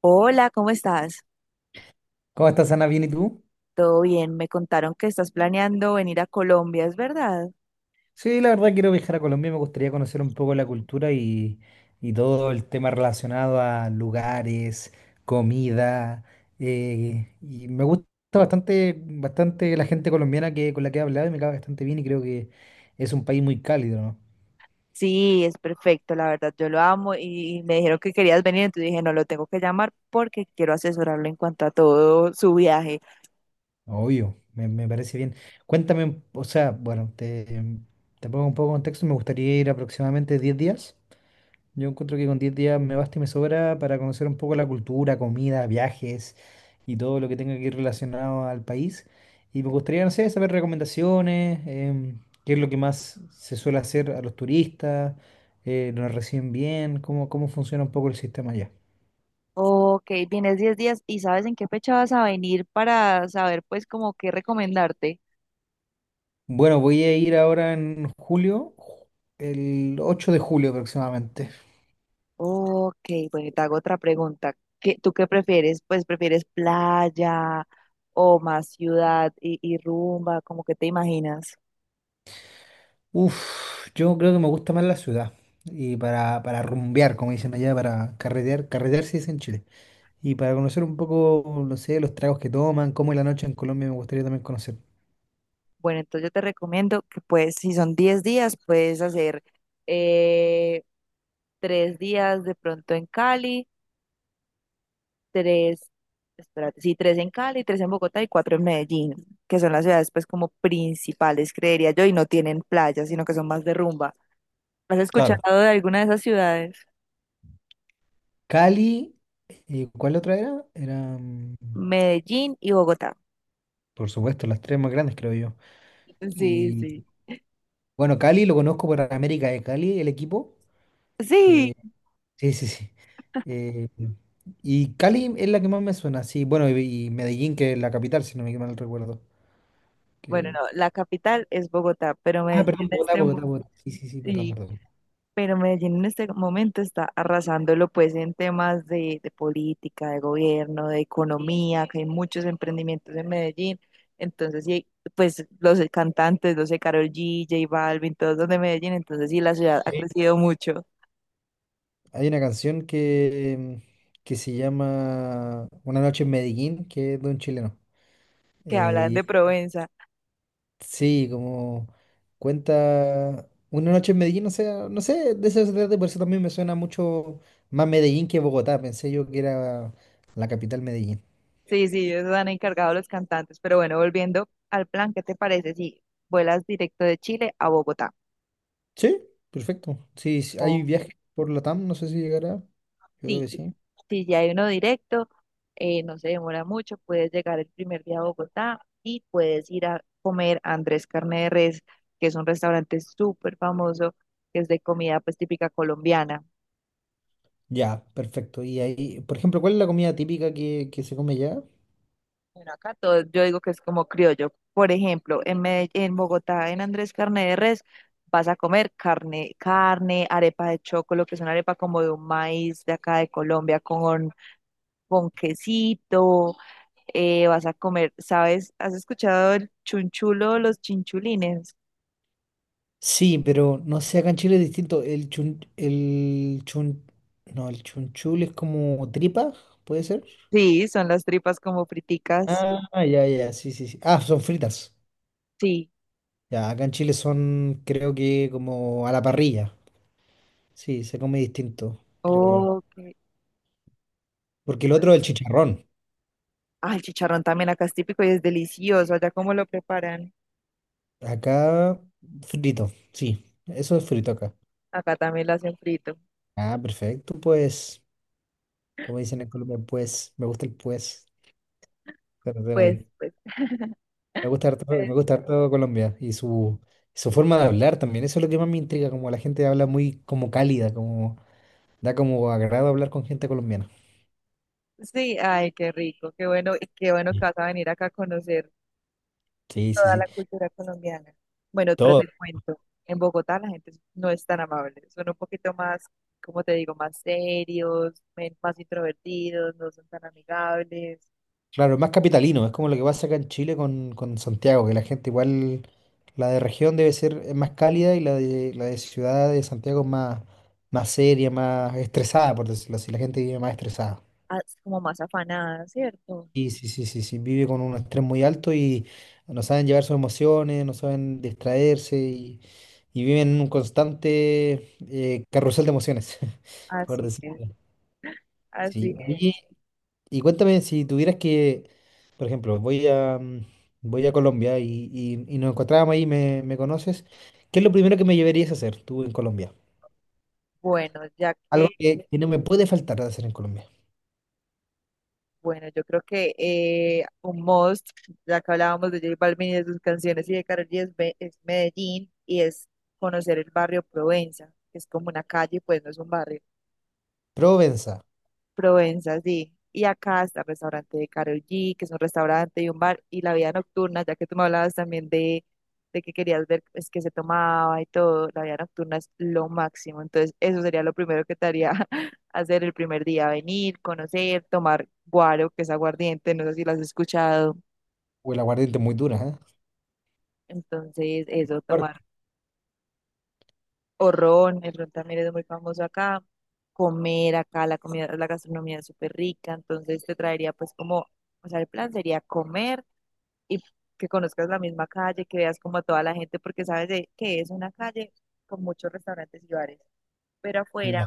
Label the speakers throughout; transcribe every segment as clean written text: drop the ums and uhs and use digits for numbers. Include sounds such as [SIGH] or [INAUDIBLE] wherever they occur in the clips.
Speaker 1: Hola, ¿cómo estás?
Speaker 2: ¿Cómo estás, Ana? ¿Bien y tú?
Speaker 1: ¿Todo bien? Me contaron que estás planeando venir a Colombia, ¿es verdad?
Speaker 2: Sí, la verdad quiero viajar a Colombia, me gustaría conocer un poco la cultura y todo el tema relacionado a lugares, comida. Y me gusta bastante, bastante la gente colombiana con la que he hablado y me cae bastante bien y creo que es un país muy cálido, ¿no?
Speaker 1: Sí, es perfecto, la verdad, yo lo amo y me dijeron que querías venir, entonces dije, no, lo tengo que llamar porque quiero asesorarlo en cuanto a todo su viaje.
Speaker 2: Obvio, me parece bien. Cuéntame, o sea, bueno, te pongo un poco de contexto, me gustaría ir aproximadamente 10 días. Yo encuentro que con 10 días me basta y me sobra para conocer un poco la cultura, comida, viajes y todo lo que tenga que ir relacionado al país. Y me gustaría, no sé, saber recomendaciones, qué es lo que más se suele hacer a los turistas, nos reciben bien, cómo, cómo funciona un poco el sistema allá.
Speaker 1: Ok, vienes 10 días y ¿sabes en qué fecha vas a venir para saber pues como qué recomendarte?
Speaker 2: Bueno, voy a ir ahora en julio, el 8 de julio aproximadamente.
Speaker 1: Ok, bueno, y te hago otra pregunta. ¿Qué, tú qué prefieres? Pues prefieres playa o más ciudad y rumba, ¿cómo que te imaginas?
Speaker 2: Uf, yo creo que me gusta más la ciudad. Y para rumbear, como dicen allá, para carretear, carretear se dice en Chile. Y para conocer un poco, no sé, los tragos que toman, cómo es la noche en Colombia, me gustaría también conocer.
Speaker 1: Bueno, entonces yo te recomiendo que pues si son 10 días, puedes hacer eh, 3 días de pronto en Cali, tres, espérate, sí, tres en Cali, tres en Bogotá y cuatro en Medellín, que son las ciudades pues como principales, creería yo, y no tienen playas, sino que son más de rumba. ¿Has
Speaker 2: Claro.
Speaker 1: escuchado de alguna de esas ciudades?
Speaker 2: Cali, ¿cuál otra era?
Speaker 1: Medellín y Bogotá.
Speaker 2: Por supuesto, las tres más grandes, creo yo.
Speaker 1: Sí,
Speaker 2: Y
Speaker 1: sí.
Speaker 2: bueno, Cali lo conozco por América de Cali, el equipo.
Speaker 1: Sí.
Speaker 2: Eh, sí, sí, sí. Eh, y Cali es la que más me suena, sí. Bueno, y Medellín, que es la capital, si no me mal recuerdo.
Speaker 1: Bueno,
Speaker 2: Que...
Speaker 1: no, la capital es Bogotá, pero
Speaker 2: Ah,
Speaker 1: Medellín
Speaker 2: perdón,
Speaker 1: en
Speaker 2: Bogotá,
Speaker 1: este
Speaker 2: Bogotá,
Speaker 1: momento.
Speaker 2: Bogotá. Sí, sí, sí, perdón, perdón.
Speaker 1: Pero Medellín en este momento está arrasándolo pues en temas de política, de gobierno, de economía, que hay muchos emprendimientos en Medellín. Entonces, sí, pues los cantantes, los de Karol G, J Balvin, todos los de Medellín. Entonces, sí, la ciudad ha crecido mucho.
Speaker 2: Hay una canción que se llama Una noche en Medellín, que es de un chileno.
Speaker 1: Que hablan
Speaker 2: Eh,
Speaker 1: de
Speaker 2: y
Speaker 1: Provenza.
Speaker 2: sí, como cuenta Una noche en Medellín, o sea, no sé, de eso se trata, por eso también me suena mucho más Medellín que Bogotá. Pensé yo que era la capital Medellín.
Speaker 1: Sí, sí, ellos han encargado los cantantes. Pero bueno, volviendo al plan, ¿qué te parece si vuelas directo de Chile a Bogotá?
Speaker 2: Sí, perfecto. Sí, sí, hay viajes por Latam, no sé si llegará. Yo creo
Speaker 1: Sí,
Speaker 2: que sí.
Speaker 1: si ya hay uno directo, no se demora mucho, puedes llegar el primer día a Bogotá y puedes ir a comer a Andrés Carne de Res, que es un restaurante súper famoso, que es de comida pues típica colombiana.
Speaker 2: Ya, perfecto. Y ahí, por ejemplo, ¿cuál es la comida típica que se come allá?
Speaker 1: Bueno, acá todo, yo digo que es como criollo. Por ejemplo, en en Bogotá, en Andrés Carne de Res, vas a comer carne, carne, arepa de chocolo, que es una arepa como de un maíz de acá de Colombia, con quesito vas a comer, ¿sabes? ¿Has escuchado el chunchulo o los chinchulines?
Speaker 2: Sí, pero no sé, acá en Chile es distinto. No, el chunchul es como tripa, ¿puede ser?
Speaker 1: Sí, son las tripas como friticas.
Speaker 2: Ah, ya, ya, sí, sí, sí. Ah, son fritas.
Speaker 1: Sí.
Speaker 2: Ya, acá en Chile son, creo que como a la parrilla. Sí, se come distinto, creo yo.
Speaker 1: Oh, Ok.
Speaker 2: Porque el otro es el chicharrón.
Speaker 1: Ah, el chicharrón también acá es típico y es delicioso. Allá cómo lo preparan.
Speaker 2: Acá, frito, sí. Eso es frito acá.
Speaker 1: Acá también lo hacen frito.
Speaker 2: Ah, perfecto, pues. Como dicen en Colombia, pues. Me gusta el pues. Se suena
Speaker 1: Pues,
Speaker 2: bien.
Speaker 1: pues. [LAUGHS] pues,
Speaker 2: Me gusta harto Colombia y su forma de hablar también. Eso es lo que más me intriga, como la gente habla muy como cálida, como da como agrado hablar con gente colombiana.
Speaker 1: Sí, ay, qué rico, qué bueno, y qué bueno que
Speaker 2: Sí,
Speaker 1: vas a venir acá a conocer
Speaker 2: sí, sí.
Speaker 1: toda la
Speaker 2: Sí.
Speaker 1: cultura colombiana. Bueno, pero
Speaker 2: Todo.
Speaker 1: te cuento, en Bogotá la gente no es tan amable, son un poquito más, como te digo, más serios, más introvertidos, no son tan amigables.
Speaker 2: Claro, es más capitalino, es como lo que pasa acá en Chile con Santiago, que la gente igual, la de región debe ser más cálida y la de ciudad de Santiago es más seria, más estresada, por decirlo así. La gente vive más estresada.
Speaker 1: Ah, es como más afanadas, ¿cierto?
Speaker 2: Sí, sí, sí, sí, sí, vive con un estrés muy alto y no saben llevar sus emociones, no saben distraerse y viven en un constante carrusel de emociones, [LAUGHS] por
Speaker 1: Así
Speaker 2: decirlo.
Speaker 1: es, así
Speaker 2: Sí. Oye,
Speaker 1: es.
Speaker 2: y cuéntame si tuvieras por ejemplo, voy a Colombia y nos encontrábamos ahí, me conoces, ¿qué es lo primero que me llevarías a hacer tú en Colombia?
Speaker 1: Bueno,
Speaker 2: Algo que no me puede faltar de hacer en Colombia.
Speaker 1: bueno, yo creo que un must, ya que hablábamos de J Balvin y de sus canciones y de Karol G es, es Medellín y es conocer el barrio Provenza, que es como una calle, pues no es un barrio.
Speaker 2: Provenza,
Speaker 1: Provenza, sí. Y acá está el restaurante de Karol G, que es un restaurante y un bar, y la vida nocturna, ya que tú me hablabas también de que querías ver es que se tomaba y todo, la vida nocturna es lo máximo. Entonces, eso sería lo primero que te haría [LAUGHS] hacer el primer día, venir, conocer, tomar guaro, que es aguardiente, no sé si lo has escuchado.
Speaker 2: o el aguardiente muy dura, ¿eh?
Speaker 1: Entonces, eso,
Speaker 2: Fuerte.
Speaker 1: tomar o ron, el ron también es muy famoso acá, comer acá, la comida, la gastronomía es súper rica, entonces te traería pues como... O sea, el plan sería comer, y que conozcas la misma calle, que veas como a toda la gente, porque sabes de que es una calle con muchos restaurantes y bares, pero afuera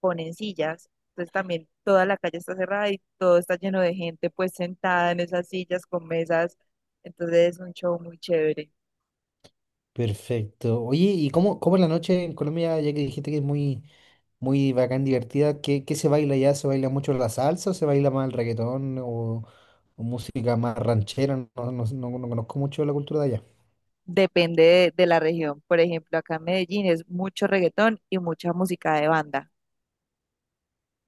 Speaker 1: ponen sillas, entonces también toda la calle está cerrada y todo está lleno de gente pues sentada en esas sillas con mesas, entonces es un show muy chévere.
Speaker 2: Perfecto. Oye, ¿y cómo es la noche en Colombia, ya que dijiste que es muy, muy bacán, divertida? ¿qué, se baila allá? ¿Se baila mucho la salsa o se baila más el reggaetón o música más ranchera? No, no, no, no no conozco mucho la cultura de allá.
Speaker 1: Depende de la región. Por ejemplo, acá en Medellín es mucho reggaetón y mucha música de banda,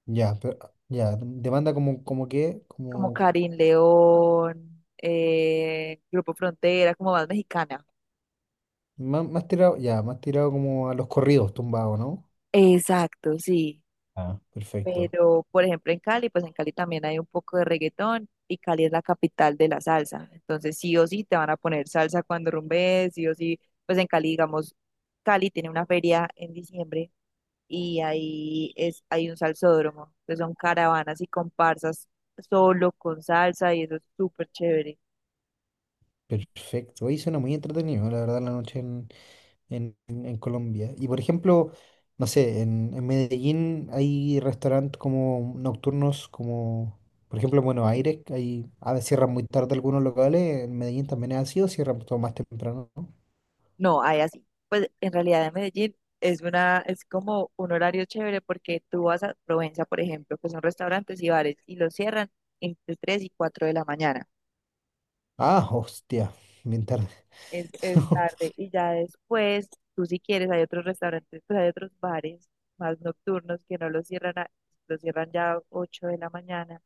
Speaker 2: Ya, pero, ya, demanda como, como que,
Speaker 1: como
Speaker 2: como
Speaker 1: Karin León, Grupo Frontera, como más mexicana.
Speaker 2: más, tirado, ya, más tirado como a los corridos tumbados, ¿no?
Speaker 1: Exacto, sí.
Speaker 2: Ah. Perfecto,
Speaker 1: Pero, por ejemplo, en Cali, pues en Cali también hay un poco de reggaetón y Cali es la capital de la salsa. Entonces, sí o sí te van a poner salsa cuando rumbes, sí o sí. Pues en Cali, digamos, Cali tiene una feria en diciembre y ahí es, hay un salsódromo. Entonces son caravanas y comparsas solo con salsa y eso es súper chévere.
Speaker 2: perfecto. Ahí suena muy entretenido, la verdad, la noche en Colombia. Y por ejemplo, no sé, en Medellín hay restaurantes como nocturnos, como por ejemplo en Buenos Aires, que hay, a veces cierran muy tarde algunos locales, en Medellín también es así, o cierran todo más temprano, ¿no?
Speaker 1: No, hay así. Pues en realidad en Medellín es una, es como un horario chévere porque tú vas a Provenza, por ejemplo, que son restaurantes y bares y los cierran entre 3 y 4 de la mañana.
Speaker 2: Ah, hostia, bien tarde.
Speaker 1: Es
Speaker 2: [LAUGHS]
Speaker 1: tarde. Y ya después, tú si quieres, hay otros restaurantes, pues hay otros bares más nocturnos que no los cierran, los cierran ya 8 de la mañana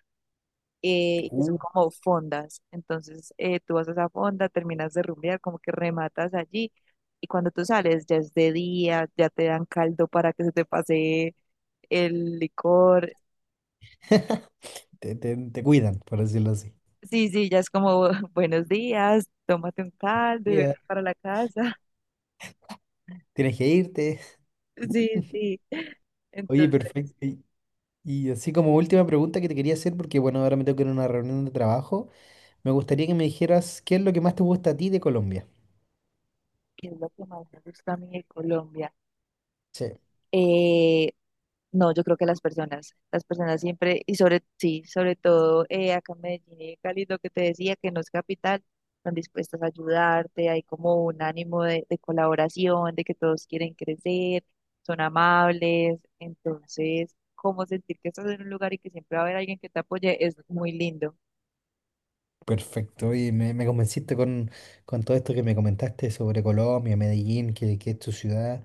Speaker 1: que
Speaker 2: Uh,
Speaker 1: son como fondas. Entonces tú vas a esa fonda, terminas de rumbear, como que rematas allí y cuando tú sales ya es de día, ya te dan caldo para que se te pase el licor.
Speaker 2: te cuidan, por decirlo así.
Speaker 1: Sí, sí, ya es como [LAUGHS] buenos días, tómate un caldo y vete
Speaker 2: Ya,
Speaker 1: para la casa. [LAUGHS]
Speaker 2: tienes que irte.
Speaker 1: Sí, sí.
Speaker 2: Oye,
Speaker 1: Entonces,
Speaker 2: perfecto. Y así como última pregunta que te quería hacer, porque bueno, ahora me tengo que ir a una reunión de trabajo, me gustaría que me dijeras qué es lo que más te gusta a ti de Colombia.
Speaker 1: ¿qué es lo que más me gusta a mí de Colombia?
Speaker 2: Sí.
Speaker 1: Eh, No, yo creo que las personas siempre, y sobre, sí, sobre todo acá en Medellín y Cali, lo que te decía, que no es capital, están dispuestas a ayudarte, hay como un ánimo de colaboración, de que todos quieren crecer, son amables, entonces, como sentir que estás en un lugar y que siempre va a haber alguien que te apoye es muy lindo.
Speaker 2: Perfecto, y me convenciste con todo esto que me comentaste sobre Colombia, Medellín, que es tu ciudad.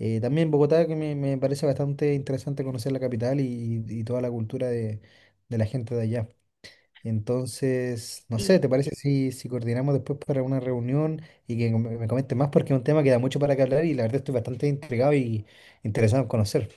Speaker 2: También Bogotá, que me parece bastante interesante conocer la capital y toda la cultura de la gente de allá. Entonces, no sé, ¿te parece si, si coordinamos después para una reunión y que me comentes más? Porque es un tema que da mucho para que hablar y la verdad estoy bastante intrigado y interesado en conocer.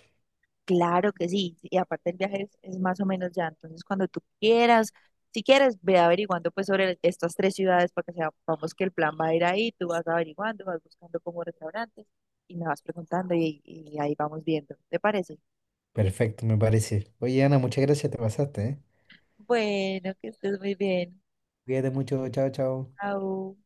Speaker 1: Claro que sí, y aparte el viaje es más o menos ya, entonces cuando tú quieras, si quieres, ve averiguando pues sobre estas tres ciudades para que sepamos que el plan va a ir ahí, tú vas averiguando, vas buscando como restaurantes y me vas preguntando y ahí vamos viendo, ¿te parece?
Speaker 2: Perfecto, me parece. Oye, Ana, muchas gracias, te pasaste, ¿eh?
Speaker 1: Bueno, que estés muy bien.
Speaker 2: Cuídate mucho, chao, chao.
Speaker 1: Au.